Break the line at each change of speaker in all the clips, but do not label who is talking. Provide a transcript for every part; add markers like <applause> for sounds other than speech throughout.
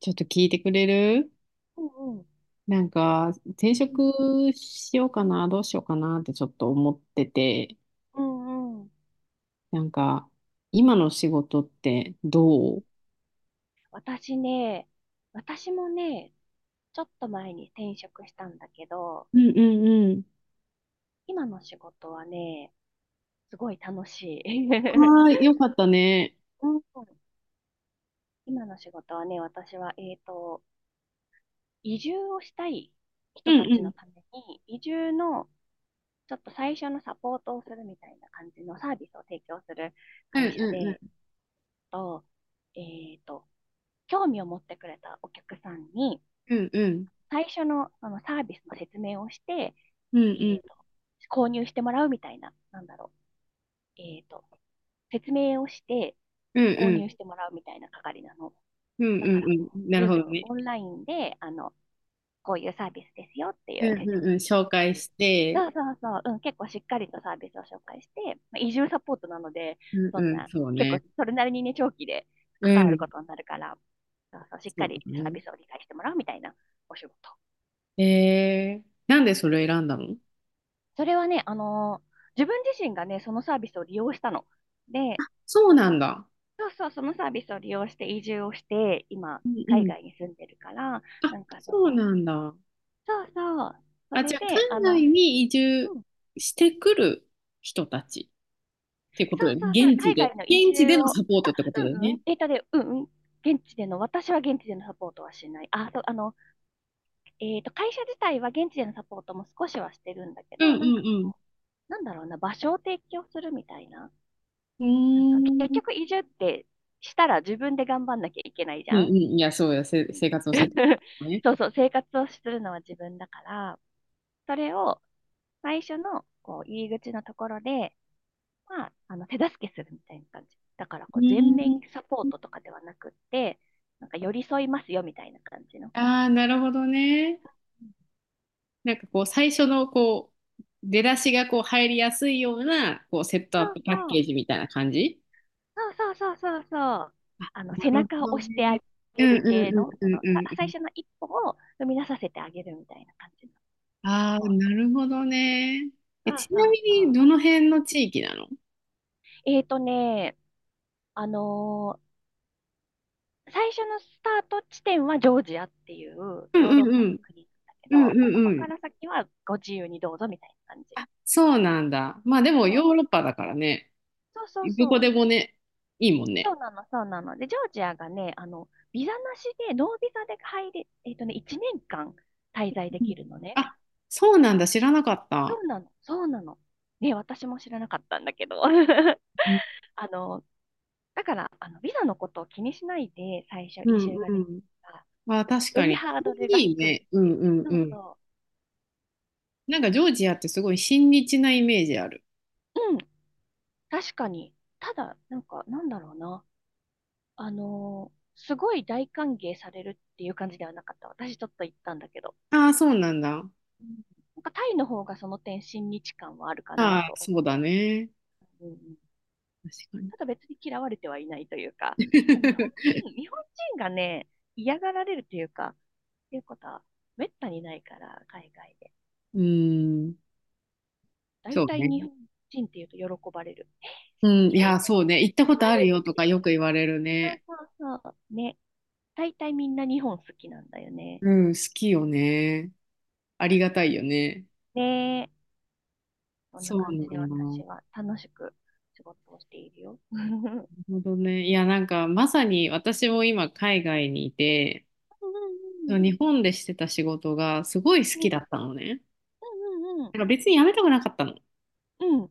ちょっと聞いてくれる？
うんうん。
なんか、転職しようかな、どうしようかなってちょっと思ってて、
うんうん。
なんか、今の仕事ってどう？
私ね、私もね、ちょっと前に転職したんだけど、
うんうんうん。
今の仕事はね、すごい楽しい。<laughs>
ああ、よかったね。
うん。今の仕事はね、私は、移住をしたい
う
人た
んう
ちの
ん。
ために、移住のちょっと最初のサポートをするみたいな感じのサービスを提供する
うん
会社
うんう
で、
ん。
と、えっと、興味を持ってくれたお客さんに、
うんうん。
最初の、あのサービスの説明をして、
うんう
えっと、
ん。
購入してもらうみたいな、なんだろう、説明をして
うん
購
うん
入してもらうみたいな係なの。
うん。
だ
う
からこ
ん
う、
なる
ズー
ほど
ム
ね。
オンラインで、あの、こういうサービスですよってい
う
う
ん
説
うんう
明
ん。紹
す
介
る。
して、
そうそうそう。うん、結構しっかりとサービスを紹介して、まあ、移住サポートなので、
うん
そん
うん、
な、
そう
結構
ね。
それなりにね、長期で
う
関わ
ん。
ることになるから、そうそう、しっ
そ
か
うだ
りサー
ね。
ビスを理解してもらうみたいなお仕事。
えー、なんでそれ選んだの？
それはね、あのー自分自身がね、そのサービスを利用したの。で、
そうなんだ。
そうそう、そのサービスを利用して移住をして、今、
うん
海
うん。
外に住んでるから、
あ、
なんかそ
そう
の、
なんだ。
そうそう、そ
あ、じ
れ
ゃあ、
で、あ
海外
の、
に移住
うん、
してくる人たちっていうこと
そ
だ
う
よね。
そうそう、
現地
海
で。
外の移
現地
住
での
を、
サポートってことだよ
う
ね。
ん、えっとで、現地での、私は現地でのサポートはしない。あ、そう、あの、会社自体は現地でのサポートも少しはしてるんだけ
うん
ど、なんか
うん
こう、なんだろうな、場所を提供するみたいな。
う
なんか
ん。う
結
ー
局
ん。
移住ってしたら自分で頑張んなきゃいけないじ
うん
ゃ
う
ん。
ん。いや、そうや、生活のセッ
<laughs>
トね。
そうそう、生活をするのは自分だから、それを最初のこう入り口のところで、まあ、あの手助けするみたいな感じ。だから
う
こう
ー
全
ん。
面サポートとかではなくって、なんか寄り添いますよみたいな感じの。
ああ、なるほどね。なんかこう、最初のこう、出だしがこう入りやすいような、こう、セットアッ
そう
プパッ
そ
ケ
う、
ージみたいな感じ。
そうそうそうそうそう。あの
な
背
る
中
ほ
を
ど
押してあ
ね。う
げ
んう
る
ん
系
うん
の、
う
こ
ん
の
う
さ
んう
最
ん。
初の一歩を踏み出させてあげるみたいな感じのサ
ああ、
ポート。
なるほどね。
そ
え、ち
うそ
なみ
うそ
に、
う。
どの辺の地域なの？
えーとね、あのー最初のスタート地点はジョージアっていう
うん
ヨー
う
ロ
ん
ッパ
う
の
ん。
国なんだけ
うんう
ど、そこ
んうん。
から先はご自由にどうぞみたいな感じ。
そうなんだ。まあでも
そ
ヨ
う
ーロッパだからね。
そうそう
ど
そ
こ
う。
でもね、いいもん
そ
ね。
うなの、そうなの。で、ジョージアがね、あの、ビザなしで、ノービザで入れ、えーとね、1年間滞在で
うん
きるのね。
あ、そうなんだ。知らなかっ
そ
た。
うなの、そうなの。ね、私も知らなかったんだけど。<laughs> あ
うん
の、だから、あの、ビザのことを気にしないで最初
う
移住
ん
が
う
できる
ん。
から
まあ確
よ
か
り
に。
ハードルが
いい
低いっ
ね。う
て
ん
いう。
うん
そ
う
う
ん。
そ
なんかジョージアってすごい親日なイメージある。
う。うん、確かに。ただ、なんか、なんだろうな。あのーすごい大歓迎されるっていう感じではなかった。私ちょっと行ったんだけど。
ああ、そうなんだ。
うん。なんかタイの方がその点親日感はあるか
あ
な
あ、
と。
そうだね。
うんうん。
確かに。
ただ別に嫌われてはいないというか、まあ日本
<laughs>
人、日本人がね、嫌がられるというか、っていうことはめったにないから、海外で。
うーん。
大
そう
体
ね。
日本人っていうと喜ばれる。え、
うん、い
日本
や、そうね。行ったこ
人の
と
ア
ある
ニメ
よ
好
と
き
か
だ
よ
よ。
く言われる
そう
ね。
そうそう。ね。大体みんな日本好きなんだよね。
うん、好きよね。ありがたいよね。
ねえ。そんな
そう
感
なん
じで私
だ。
は楽しく仕事をしているよ。<laughs> うんうん
なるほどね。いや、なんか、まさに私も今、海外にいて、その日本でしてた仕事がすごい好
う
き
ん
だったのね。
うんうん
なんか別に辞めたくなかったの。
うんうん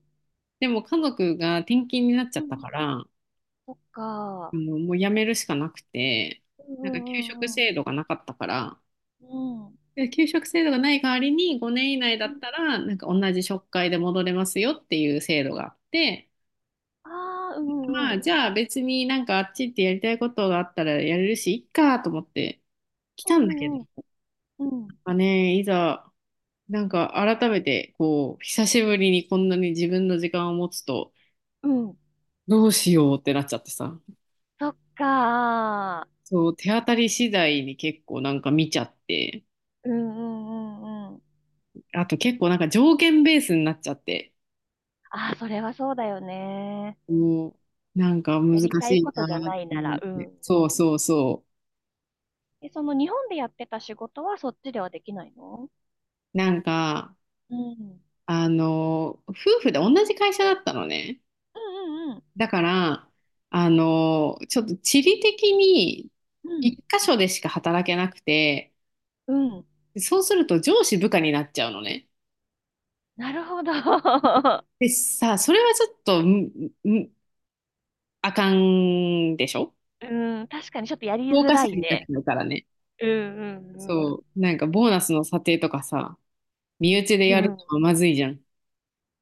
でも、家族が転勤になっちゃ
う
った
ん。
から、も
そっか。
う、もう辞めるしかなくて、
うんう
なんか、給食
んうん
制度がなかったから、
うん。
で給食制度がない代わりに5年以内だ
う
っ
ん。
たらなんか同じ職会で戻れますよっていう制度があって。
ああー、うん
ま
うん
あ
う
じゃあ別になんかあっち行ってやりたいことがあったらやれるしいっかと思って来
んう
たんだけど、
んうんう
まあね、いざなんか改めてこう久しぶりにこんなに自分の時間を持つと
んうん。
どうしようってなっちゃってさ。
そっか。
そう手当たり次第に結構なんか見ちゃって、
うんうんうんうん。
あと結構なんか条件ベースになっちゃって。
ああ、それはそうだよね。
もうなんか難
や
し
りたい
い
ことじゃ
なっ
な
て
いな
思っ
ら、うん
て。
う
そ
ん。
うそうそ
え、その日本でやってた仕事はそっちではできないの？
う。なんか、
うん。
夫婦で同じ会社だったのね。
うんうん
だから、ちょっと地理的に
う
一
ん。
箇所でしか働けなくて、
うん。うん。
そうすると上司部下になっちゃうのね。
なるほど。<laughs>
でさ、それはちょっと、んあかんでしょ。
うん。確かにちょっとやり
評
づ
価
ら
者
い
になっ
ね。
ちゃうからね。
うんうんう
そ
ん。
う。なんかボーナスの査定とかさ、身内で
う
やる
ん。
のはまずいじゃん。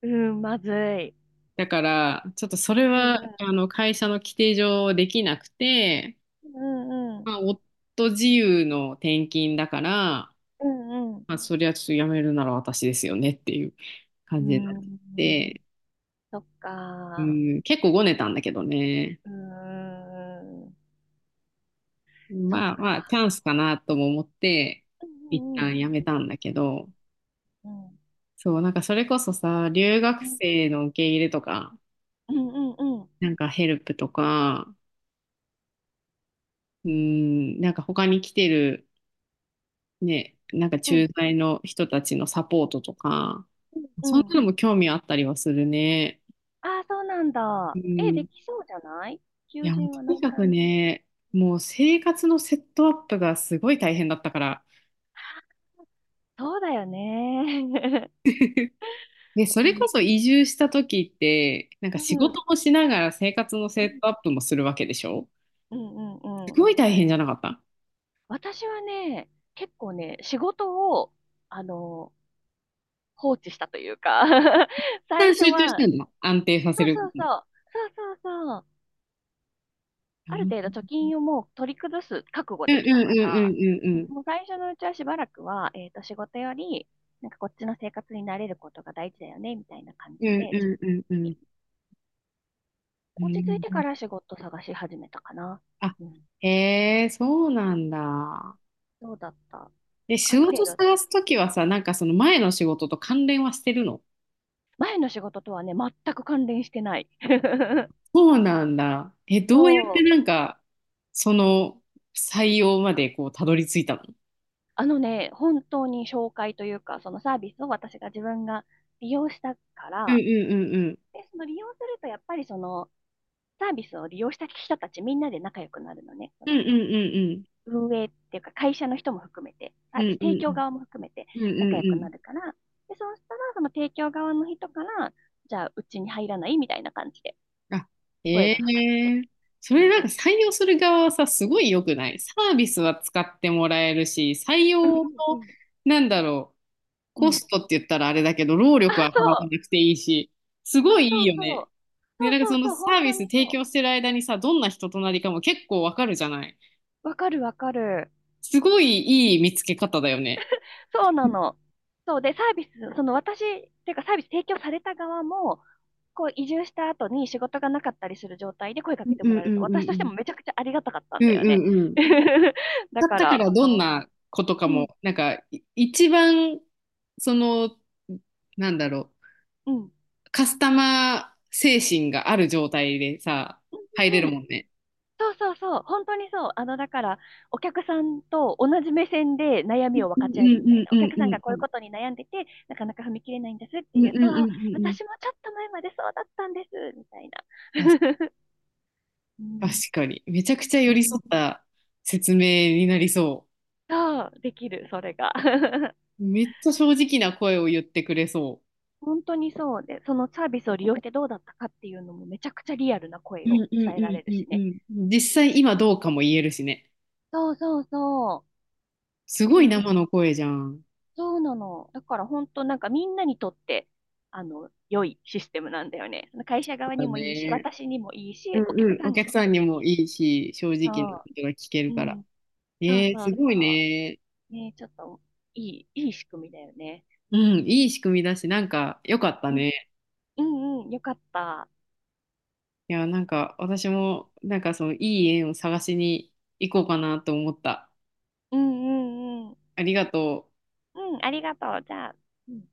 うん。まずい。
だから、ちょっとそれ
うん
は、会社の規定上できなくて、
うん。うんう
ま
ん。
あ、夫自由の転勤だから、
うんうん。
まあ、そりゃちょっと辞めるなら私ですよねっていう
う
感じになっ
ん。
て、
そっ
う
か。
ん、結構ごねたんだけどね。
うん。そう
まあまあ、チ
か。
ャンスかなとも思って、
う
一
んう
旦
ん
辞めたんだけど、
うん。
そう、なんかそれこそさ、留
う
学
ん
生の受け入れとか、
うんうんうん。
なんかヘルプとか、うん、なんか他に来てる、ね、なんか
う
駐
ん
在の人たちのサポートとか、
うん
そん
う
な
ん。
のも興味あったりはするね。
ああ、そうなん
う
だ。え、で
ん。
きそうじゃない？
い
求
や、もう
人
と
はな
に
い
かく
感じ。
ね、もう生活のセットアップがすごい大変だったから。
そうだよね。
<laughs> で、
<laughs>
そ
う
れ
ん、
こそ移住した時って、なんか
う
仕事
ん、
もしながら生活の
う
セ
ん、
ットアップもするわけでしょ？
うん、うんうんうんうん
す
うん。
ごい大変じゃなかった？
私はね、結構ね、仕事を、あの、放置したというか。 <laughs>
一
最
旦
初
集中し
は、
てんの安定させ
そう
るこ
そうそ
と。
う、そうそうそう。
う
ある
ん
程度貯金をもう取り崩す覚悟
うん
で
うん
きたから、
うん
もう最初のうちはしばらくは、仕事より、なんかこっちの生活に慣れることが大事だよね、みたいな感
う
じ
ん
で、
う
自分
んうんうん
的
う
に
んう
落ち着い
ん
て
う
か
ん。
ら仕事探し始めたかな。
あ、
うん。
へえ、そうなんだ。
どうだった？
で、仕
ある程
事
度、ちょ、
探すときはさ、なんかその前の仕事と関連はしてるの？
前の仕事とはね、全く関連してない。<laughs>
そうなんだ。え、どうやっ
そ
て
う。
なんか、その採用までこう、たどり着いたの？
あのね、本当に紹介というか、そのサービスを私が自分が利用したか
うん
ら、
うんうんうん。
で、その利用すると、やっぱりそのサービスを利用した人たちみんなで仲良くなるのね。そ
うん
の
うん
運営っていうか会社の人も含めて、サ
う
ービ
ん
ス
う
提供
ん。
側も含めて
うんうんうん。うん
仲
う
良
ん
く
う
な
ん。
るから、で、そうしたらその提供側の人から、じゃあうちに入らないみたいな感じで
あ、
声
え
がかかって。
え。そ
う
れ
ん。
なんか採用する側はさ、すごい良くないサービスは使ってもらえるし、採
うん
用の、
うん
なんだろう。
う
コ
んうん。
ストって言ったらあれだけど、労
あ、
力は
そ
払わ
う。
なくていいし、すご
そう
いい
そ
い
う
よ
そ
ね。
う。
で、
そう
なんか
そ
そ
う
の
そう。
サ
本
ービ
当
ス
に
提
そ
供してる間にさ、どんな人となりかも結構わかるじゃない？
う。わかるわかる。
すごいいい見つけ方だよね。
そうなの。そうで、サービス、その私、っていうかサービス提供された側も、こう移住した後に仕事がなかったりする状態で声か
う
け
ん
て
う
も
ん
らえ
う
ると、
んう
私として
ん
もめちゃくちゃありがたかった
う
ん
んう
だよね。
んうんうん。
<laughs> だ
かっ
か
たか
ら、
ら
あ
どん
の、
なことか
う
も
ん、
なんか一番そのなんだろ
うん、
う、カスタマー精神がある状態でさ、入れる
うん。
もんね。
そうそうそう、本当にそう。あの、だから、お客さんと同じ目線で悩
う
み
ん
を分
う
かち合えるみたい
ん
な。
う
お
ん
客
う
さん
ん
が
う
こういう
ん
ことに悩んでて、なかなか踏み切れないんですっ
う
て
んう
い
ん
う
う
と、
ん
あ
うんうん
私もちょっと前までそうだったんです、みたいな。
うん。
<laughs> う
確
ん、
かに。めちゃくちゃ
う
寄り
ん。
添った説明になりそ
そう、できる、それが。<laughs>
う。めっちゃ正直な声を言ってくれそ
本当にそうで、そのサービスを利用してどうだったかっていうのもめちゃくちゃリアルな
う。
声
う
を
んうん
伝え
う
ら
ん
れる
うん
し
う
ね。
ん。実際今どうかも言えるしね。
そうそうそう。
すごい
そうな
生
の。
の声じゃん。
そうなの。だから本当なんかみんなにとって、あの、良いシステムなんだよね。その会
そ
社
う
側に
だ
もいいし、
ね。
私にもいい
う
し、お
んう
客
ん。
さ
お
んに
客
とっ
さ
て
ん
も
に
いい
も
し。
いいし、正
そ
直なことが聞け
う。
るか
う
ら。
ん。そう
えー、
そ
す
う
ご
そ
いね。
う。ね、ちょっと、いい、いい仕組みだよね。
うん、いい仕組みだし、なんか良かった
うん、
ね。
うん、うん、よかった。
いや、なんか私も、なんかそのいい縁を探しに行こうかなと思った。
うん、うん、うん。
ありがとう。
うん、ありがとう。じゃあ。うん。